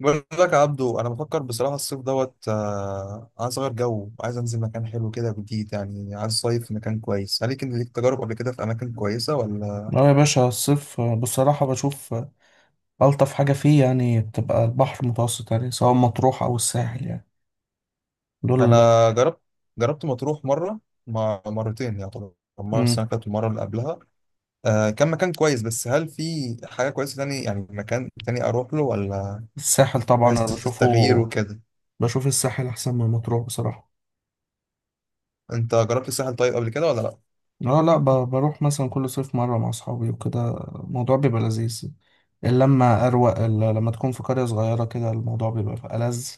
بقول لك يا عبدو انا بفكر بصراحه الصيف دوت آه، عايز اغير جو، عايز انزل مكان حلو كده جديد، يعني عايز صيف في مكان كويس. هل كان ليك تجارب قبل كده في اماكن كويسه ولا؟ اه يا باشا، الصيف بصراحة بشوف ألطف حاجة فيه، يعني بتبقى البحر المتوسط، يعني سواء مطروح أو الساحل، يعني دول. انا جربت مطروح مره، ما مرتين يعتبر، مره مم. السنه اللي فاتت والمره اللي قبلها. كان مكان كويس، بس هل في حاجه كويسه تاني، يعني مكان تاني اروح له ولا؟ الساحل طبعا أنا بس بشوفه التغيير وكده. بشوف الساحل أحسن من مطروح بصراحة. انت جربت الساحل طيب قبل كده ولا لا؟ اه، لا، بروح مثلا كل صيف مرة مع أصحابي وكده. الموضوع بيبقى لذيذ، اللمة أروق. لما تكون في قرية صغيرة كده الموضوع بيبقى ألذ،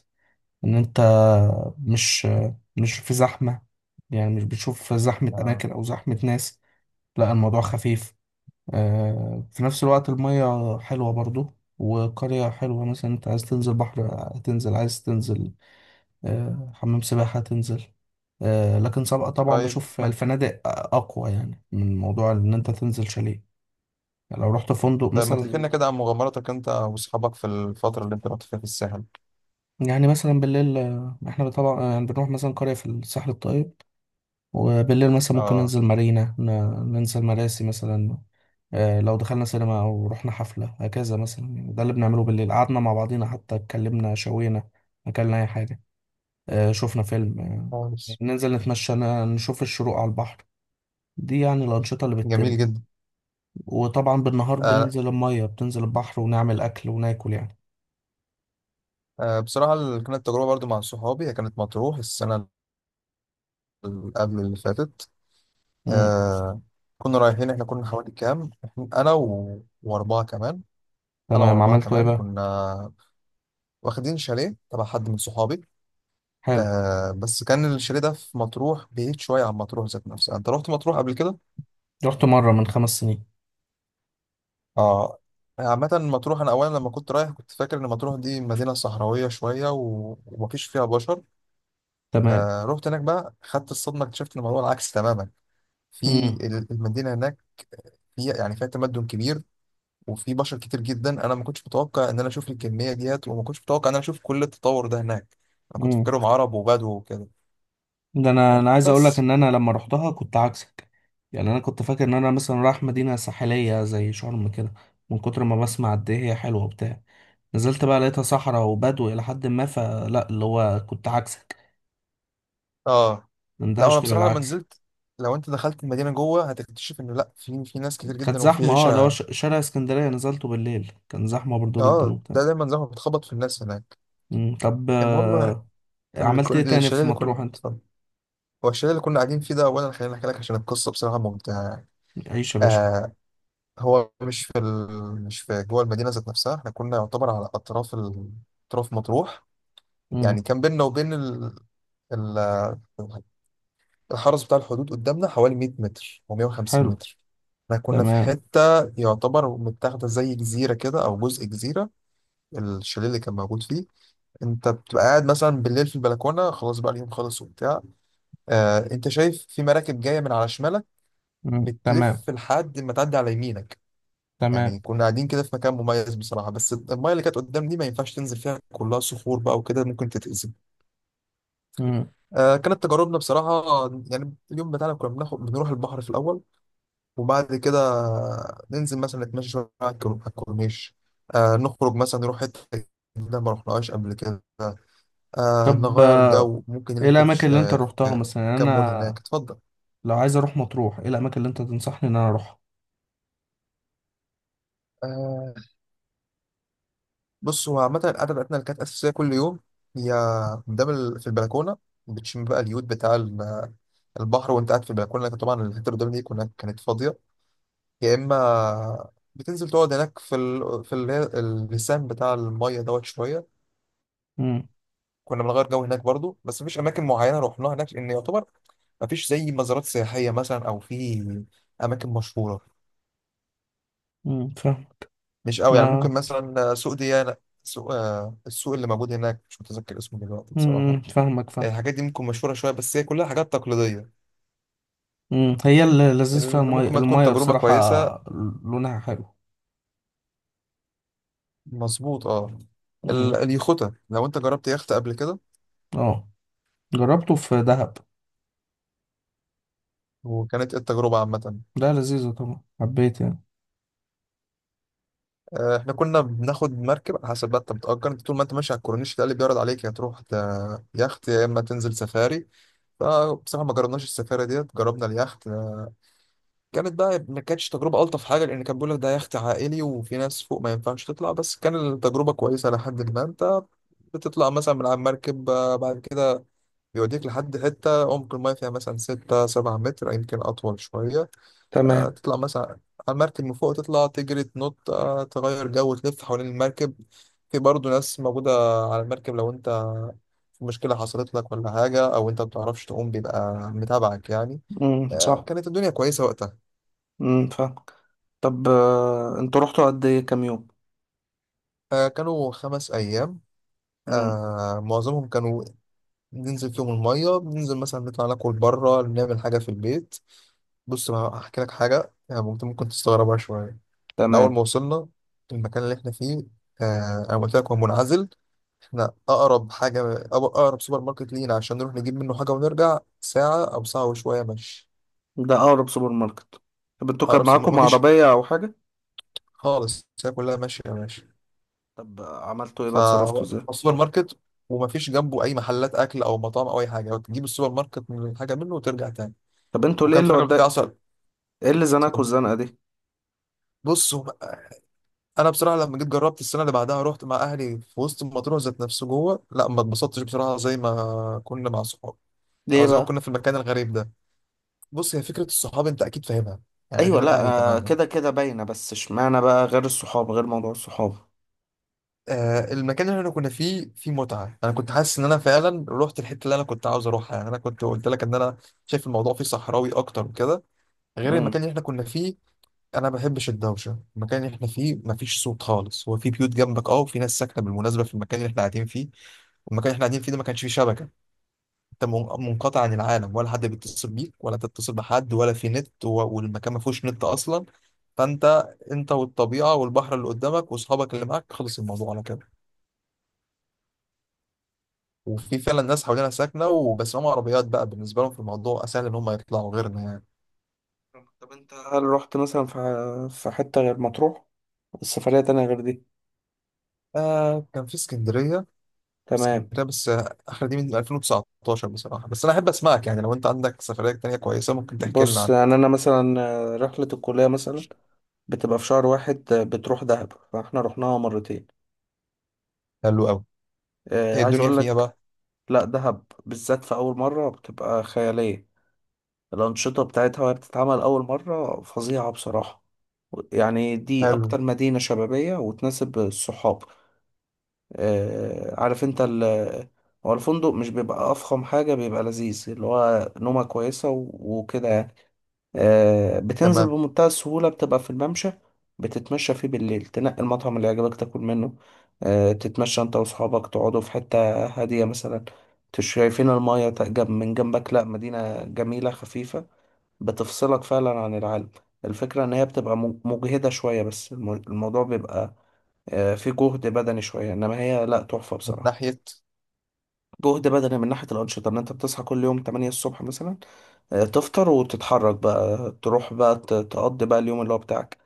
إن أنت مش مش في زحمة، يعني مش بتشوف زحمة آه. أماكن أو زحمة ناس. لا، الموضوع خفيف. في نفس الوقت المية حلوة برضو، وقرية حلوة. مثلا انت عايز تنزل بحر، هتنزل. عايز تنزل حمام سباحة، هتنزل. لكن سبق طبعا طيب، بشوف ما الفنادق أقوى، يعني من موضوع إن أنت تنزل شاليه. يعني لو رحت فندق ما تحكي مثلا. لنا كده عن مغامراتك انت واصحابك في الفتره اللي انت رحت فيها في الساحل. يعني مثلا بالليل، احنا طبعا يعني بنروح مثلا قرية في الساحل الطيب. وبالليل مثلا ممكن اه. ننزل مارينا، ننزل مراسي مثلا. لو دخلنا سينما أو رحنا حفلة هكذا مثلا، يعني ده اللي بنعمله بالليل. قعدنا مع بعضينا، حتى اتكلمنا شوينا، أكلنا أي حاجة، شفنا فيلم. خالص. ننزل نتمشى، نشوف الشروق على البحر. دي يعني الأنشطة اللي بتتم. جميل جدا. وطبعا بالنهار آه. بننزل المية، بتنزل البحر ونعمل أكل وناكل يعني. بصراحة كانت تجربة برضو مع صحابي، هي كانت مطروح السنة اللي قبل اللي فاتت. مم. آه، كنا رايحين، احنا كنا حوالي كام، انا واربعة كمان. انا تمام، واربعة عملتوا إيه كمان بقى؟ كنا واخدين شاليه تبع حد من صحابي. حلو. آه، بس كان الشاليه ده في مطروح بعيد شوية عن مطروح ذات نفسها. انت رحت مطروح قبل كده؟ رحت مرة من 5 سنين. اه. عامة مطروح أنا أولا لما كنت رايح كنت فاكر إن مطروح دي مدينة صحراوية شوية ومفيش فيها بشر. تمام. آه، رحت هناك بقى خدت الصدمه، اكتشفت ان الموضوع العكس تماما. في مم. المدينه هناك في، يعني فيها تمدن كبير، وفي بشر كتير جدا. انا ما كنتش متوقع ان انا اشوف الكميه ديت، وما كنتش متوقع ان انا اشوف كل التطور ده هناك. انا كنت مم. فاكرهم عرب وبدو وكده، ده انا عايز اقول لك بس. ان انا لما رحتها كنت عكسك. يعني انا كنت فاكر ان انا مثلا رايح مدينه ساحليه زي شرم كده، من كتر ما بسمع قد ايه هي حلوه وبتاع. نزلت بقى لقيتها صحراء وبدو الى حد ما، فلا اللي هو كنت عكسك. اه. لا انا مندهشت بصراحه لما بالعكس. نزلت، لو انت دخلت المدينه جوه هتكتشف انه لا، في ناس كتير كانت جدا وفي زحمه، اه اللي هو عيشه. شارع اسكندريه نزلته بالليل كان زحمه برضو جدا اه، وبتاع. ده دايما زي ما بتخبط في الناس هناك. مم. طب، المهم، عملت ايه تاني الشاليه في اللي مطروح كنا. انت؟ اتفضل. هو الشاليه اللي كنا قاعدين فيه ده، اولا خليني احكي لك عشان القصه بصراحه ممتعه. عيش يا باشا. آه، هو مش في مش في جوه المدينة ذات نفسها، احنا كنا يعتبر على أطراف أطراف مطروح. يعني مم. كان بيننا وبين ال... الحرس بتاع الحدود قدامنا حوالي 100 متر أو 150 حلو. متر. احنا كنا في تمام. حتة يعتبر متاخدة زي جزيرة كده، أو جزء جزيرة، الشاليه اللي كان موجود فيه. أنت بتبقى قاعد مثلا بالليل في البلكونة، خلاص بقى اليوم خلص وبتاع، أنت شايف في مراكب جاية من على شمالك مم. تمام. بتلف لحد ما تعدي على يمينك. تمام. يعني كنا قاعدين كده في مكان مميز بصراحة، بس المايه اللي كانت قدام دي ما ينفعش تنزل فيها، كلها صخور بقى وكده، ممكن تتأذي. مم. كانت تجاربنا بصراحة يعني اليوم بتاعنا كنا بناخد، بنروح البحر في الأول، وبعد كده ننزل مثلا نتمشى شوية على على الكورنيش، نخرج مثلا نروح حتة جديدة ما رحناهاش قبل كده، طب، نغير جو، ممكن ايه نلف في, الاماكن ش... اللي انت آه في روحتها مثلا؟ في يعني كام مول انا هناك. اتفضل. لو عايز اروح مطروح ايه الاماكن اللي انت تنصحني ان انا اروحها؟ آه بص، هو عامة قاعدة بتاعتنا اللي كانت أساسية كل يوم هي قدام في البلكونة، بتشم بقى اليود بتاع البحر وأنت قاعد في البلكونة. لكن طبعا الحتة اللي قدام دي كانت فاضية، يا إما بتنزل تقعد هناك في اللسان بتاع المية شوية. امم. كنا بنغير جو هناك برضو، بس مفيش أماكن معينة رحناها هناك، لأن يعتبر مفيش زي مزارات سياحية مثلا أو في أماكن مشهورة، امم، فاهم. مش قوي يعني. ممكن ما مثلا سوق ديانا، سوق السوق اللي موجود هناك مش متذكر اسمه دلوقتي بصراحة. امم، فاهمك، فاهم. الحاجات دي ممكن مشهورة شوية، بس هي كلها حاجات تقليدية امم، هي اللي لذيذ فيها اللي المية ممكن ما تكون المية تجربة بصراحة. كويسة. لونها حلو. مظبوط اه. امم. اليخوتة، لو انت جربت يخت قبل كده، اه، جربته في دهب. وكانت ايه التجربة عامة؟ ده لذيذة طبعا، حبيت يعني. احنا كنا بناخد مركب، على حسب بقى، انت بتأجر، انت طول ما انت ماشي على الكورنيش ده اللي بيعرض عليك يا تروح يخت يا اما تنزل سفاري. فبصراحة ما جربناش السفاري ديت، جربنا اليخت. كانت بقى ما كانتش تجربة ألطف حاجة، لأن كان بيقول لك ده يخت عائلي وفي ناس فوق ما ينفعش تطلع. بس كان التجربة كويسة لحد ما انت بتطلع مثلا من على المركب. بعد كده بيوديك لحد حتة عمق الماية فيها مثلا ستة سبعة متر، يمكن أطول شوية. تمام. تطلع مثلا على المركب من فوق، تطلع تجري تنط، تغير جو، تلف حوالين المركب. في برضه ناس موجودة على المركب، لو أنت في مشكلة حصلت لك ولا حاجة أو أنت بتعرفش تقوم بيبقى متابعك يعني. امم. صح. كانت الدنيا كويسة وقتها. امم، فاهمك. طب، انتوا رحتوا قد ايه؟ كام يوم؟ كانوا خمس أيام. امم. معظمهم كانوا ننزل فيهم المية، بننزل مثلا نطلع ناكل بره، نعمل حاجة في البيت. بص بقى هحكي لك حاجة يعني، ممكن تستغربها شوية. احنا أول تمام. ما وصلنا المكان اللي احنا فيه، أنا قلت لك هو منعزل، احنا أقرب حاجة، أقرب سوبر ماركت لينا عشان نروح نجيب منه حاجة ونرجع ساعة أو ساعة وشوية مشي. ده اقرب سوبر ماركت؟ طب انتوا كان أقرب سوبر، معاكم مفيش عربية او حاجة؟ خالص، الساعة كلها ماشية ماشي طب عملتوا ايه بقى؟ اتصرفتوا ازاي؟ فالسوبر ماركت. ومفيش جنبه أي محلات أكل أو مطاعم أو أي حاجة، تجيب السوبر ماركت، من حاجة منه وترجع تاني. طب انتوا ليه وكان في اللي راجل بتاع وداك؟ عسل. ايه اللي زنقكوا اتفضل. الزنقه دي؟ بص، انا بصراحه لما جيت جربت السنه اللي بعدها، رحت مع اهلي في وسط مطروح ذات نفسه جوه، لا ما اتبسطتش بصراحه زي ما كنا مع صحابي، ليه او زي ما بقى؟ كنا في المكان الغريب ده. بص، هي فكره الصحاب انت اكيد فاهمها، يعني ايوه، غير لا. الاهل تماما. كده كده باينه، بس اشمعنى بقى غير الصحاب، غير موضوع الصحاب. المكان اللي احنا كنا فيه فيه متعه، انا كنت حاسس ان انا فعلا رحت الحته اللي انا كنت عاوز اروحها. يعني انا كنت قلت لك ان انا شايف الموضوع فيه صحراوي اكتر وكده، غير المكان امم. اللي احنا كنا فيه. انا ما بحبش الدوشه، المكان اللي احنا فيه ما فيش صوت خالص، هو في بيوت جنبك اه وفي ناس ساكنه بالمناسبه في المكان اللي احنا قاعدين فيه. والمكان اللي احنا قاعدين فيه ده ما كانش فيه شبكه، انت منقطع عن العالم، ولا حد بيتصل بيك ولا تتصل بحد، ولا في نت والمكان ما فيهوش نت اصلا. فانت، انت والطبيعه والبحر اللي قدامك واصحابك اللي معاك، خلص الموضوع على كده. وفي فعلا ناس حوالينا ساكنه، وبس هم عربيات بقى، بالنسبه لهم في الموضوع اسهل ان هم يطلعوا غيرنا يعني. طب انت، هل رحت مثلا في حته غير مطروح؟ السفريه تانية غير دي؟ كان في اسكندريه. تمام. اسكندريه، بس اخر دي من 2019 بصراحه. بس انا احب اسمعك، يعني لو انت عندك سفريه تانيه كويسه ممكن تحكي لنا بص عنها. يعني انا مثلا رحله الكليه مثلا بتبقى في شهر واحد. بتروح دهب، فاحنا رحناها مرتين. حلو قوي. ايه عايز الدنيا اقول فيها لك، بقى؟ لا دهب بالذات في اول مره بتبقى خياليه. الأنشطة بتاعتها وهي بتتعمل أول مرة فظيعة بصراحة. يعني دي حلو. أكتر مدينة شبابية وتناسب الصحاب. عارف أنت، هو الفندق مش بيبقى أفخم حاجة، بيبقى لذيذ، اللي هو نومة كويسة وكده يعني. بتنزل تمام. بمنتهى السهولة، بتبقى في الممشى. بتتمشى فيه بالليل تنقي المطعم اللي يعجبك تاكل منه. تتمشى انت واصحابك، تقعدوا في حتة هادية مثلا. شايفين المايه، جنب من جنبك. لا، مدينة جميلة خفيفة، بتفصلك فعلا عن العالم. الفكرة ان هي بتبقى مجهدة شوية، بس الموضوع بيبقى فيه جهد بدني شوية، انما هي لا، تحفة من بصراحة. ناحيه. جهد بدني من ناحية الأنشطة إن أنت بتصحى كل يوم 8 الصبح مثلا. تفطر وتتحرك بقى، تروح بقى تقضي بقى اليوم اللي هو بتاعك.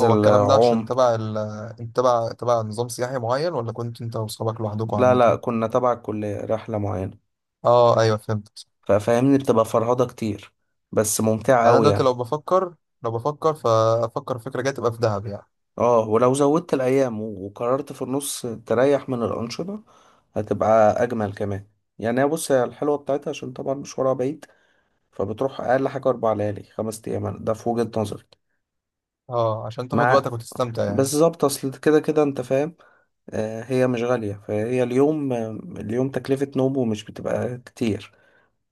هو الكلام ده عشان عوم. تبع ال، انت تبع نظام سياحي معين ولا كنت انت واصحابك لوحدكم لا لا، عامة؟ كنا تبع الكلية رحلة معينة. اه، ايوه، فهمت. ففاهمني، بتبقى فرهضة كتير، بس ممتعة يعني انا أوي دلوقتي يعني. لو بفكر، فافكر فكرة جاية تبقى في دهب يعني. اه، ولو زودت الأيام وقررت في النص تريح من الأنشطة هتبقى أجمل كمان. يعني هي، بص هي الحلوة بتاعتها عشان طبعا مشوارها بعيد، فبتروح أقل حاجة 4 ليالي 5 أيام ده في وجهة نظري. اه عشان تاخد مع، وقتك وتستمتع يعني. بالظبط، اصل كده كده انت فاهم. هي مش غالية، فهي اليوم. اليوم تكلفة نومه مش بتبقى كتير.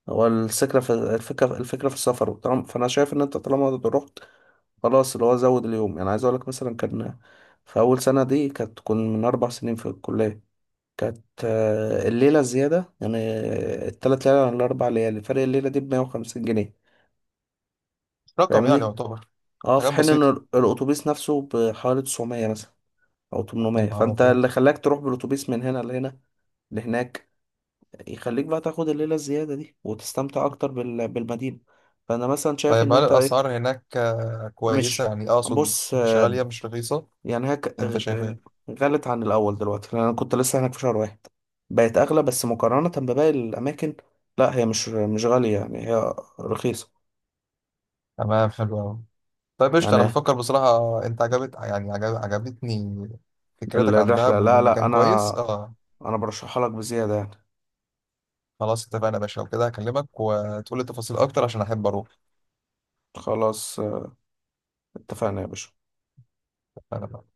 هو الفكرة في السفر. فأنا شايف إن أنت طالما رحت خلاص، اللي هو زود اليوم. يعني عايز أقولك، مثلا كان في أول سنة دي، كنا من 4 سنين في الكلية. كانت الليلة الزيادة، يعني الـ3 ليالي عن الـ4 ليالي، فرق الليلة دي بـ150 جنيه. مش رقم يعني فاهمني؟ يعتبر. اه، في حاجات حين إن بسيطة. الأتوبيس نفسه بحوالي 900 مثلا او يا 800. نهار فانت أبيض. اللي خلاك تروح بالاتوبيس من هنا لهنا لهناك يخليك بقى تاخد الليله الزياده دي وتستمتع اكتر بالمدينه. فانا مثلا شايف طيب، ان هل انت ايه؟ الأسعار هناك كويسة مش، يعني، أقصد بص، مش غالية مش رخيصة؟ يعني هيك أنت شايف إيه؟ غلت عن الاول دلوقتي، لان انا كنت لسه هناك في شهر واحد. بقت اغلى، بس مقارنه بباقي الاماكن لا هي مش غاليه، يعني هي رخيصه. تمام، حلو أوي. طيب قشطة، أنا يعني بفكر بصراحة، أنت عجبت يعني، عجبتني فكرتك عن الرحله، دهب، وإن لا لا، المكان انا كويس اه. انا برشحها لك بزياده يعني. خلاص اتفقنا يا باشا، وكده هكلمك وتقول لي تفاصيل اكتر عشان احب اروح. خلاص اتفقنا يا باشا. انا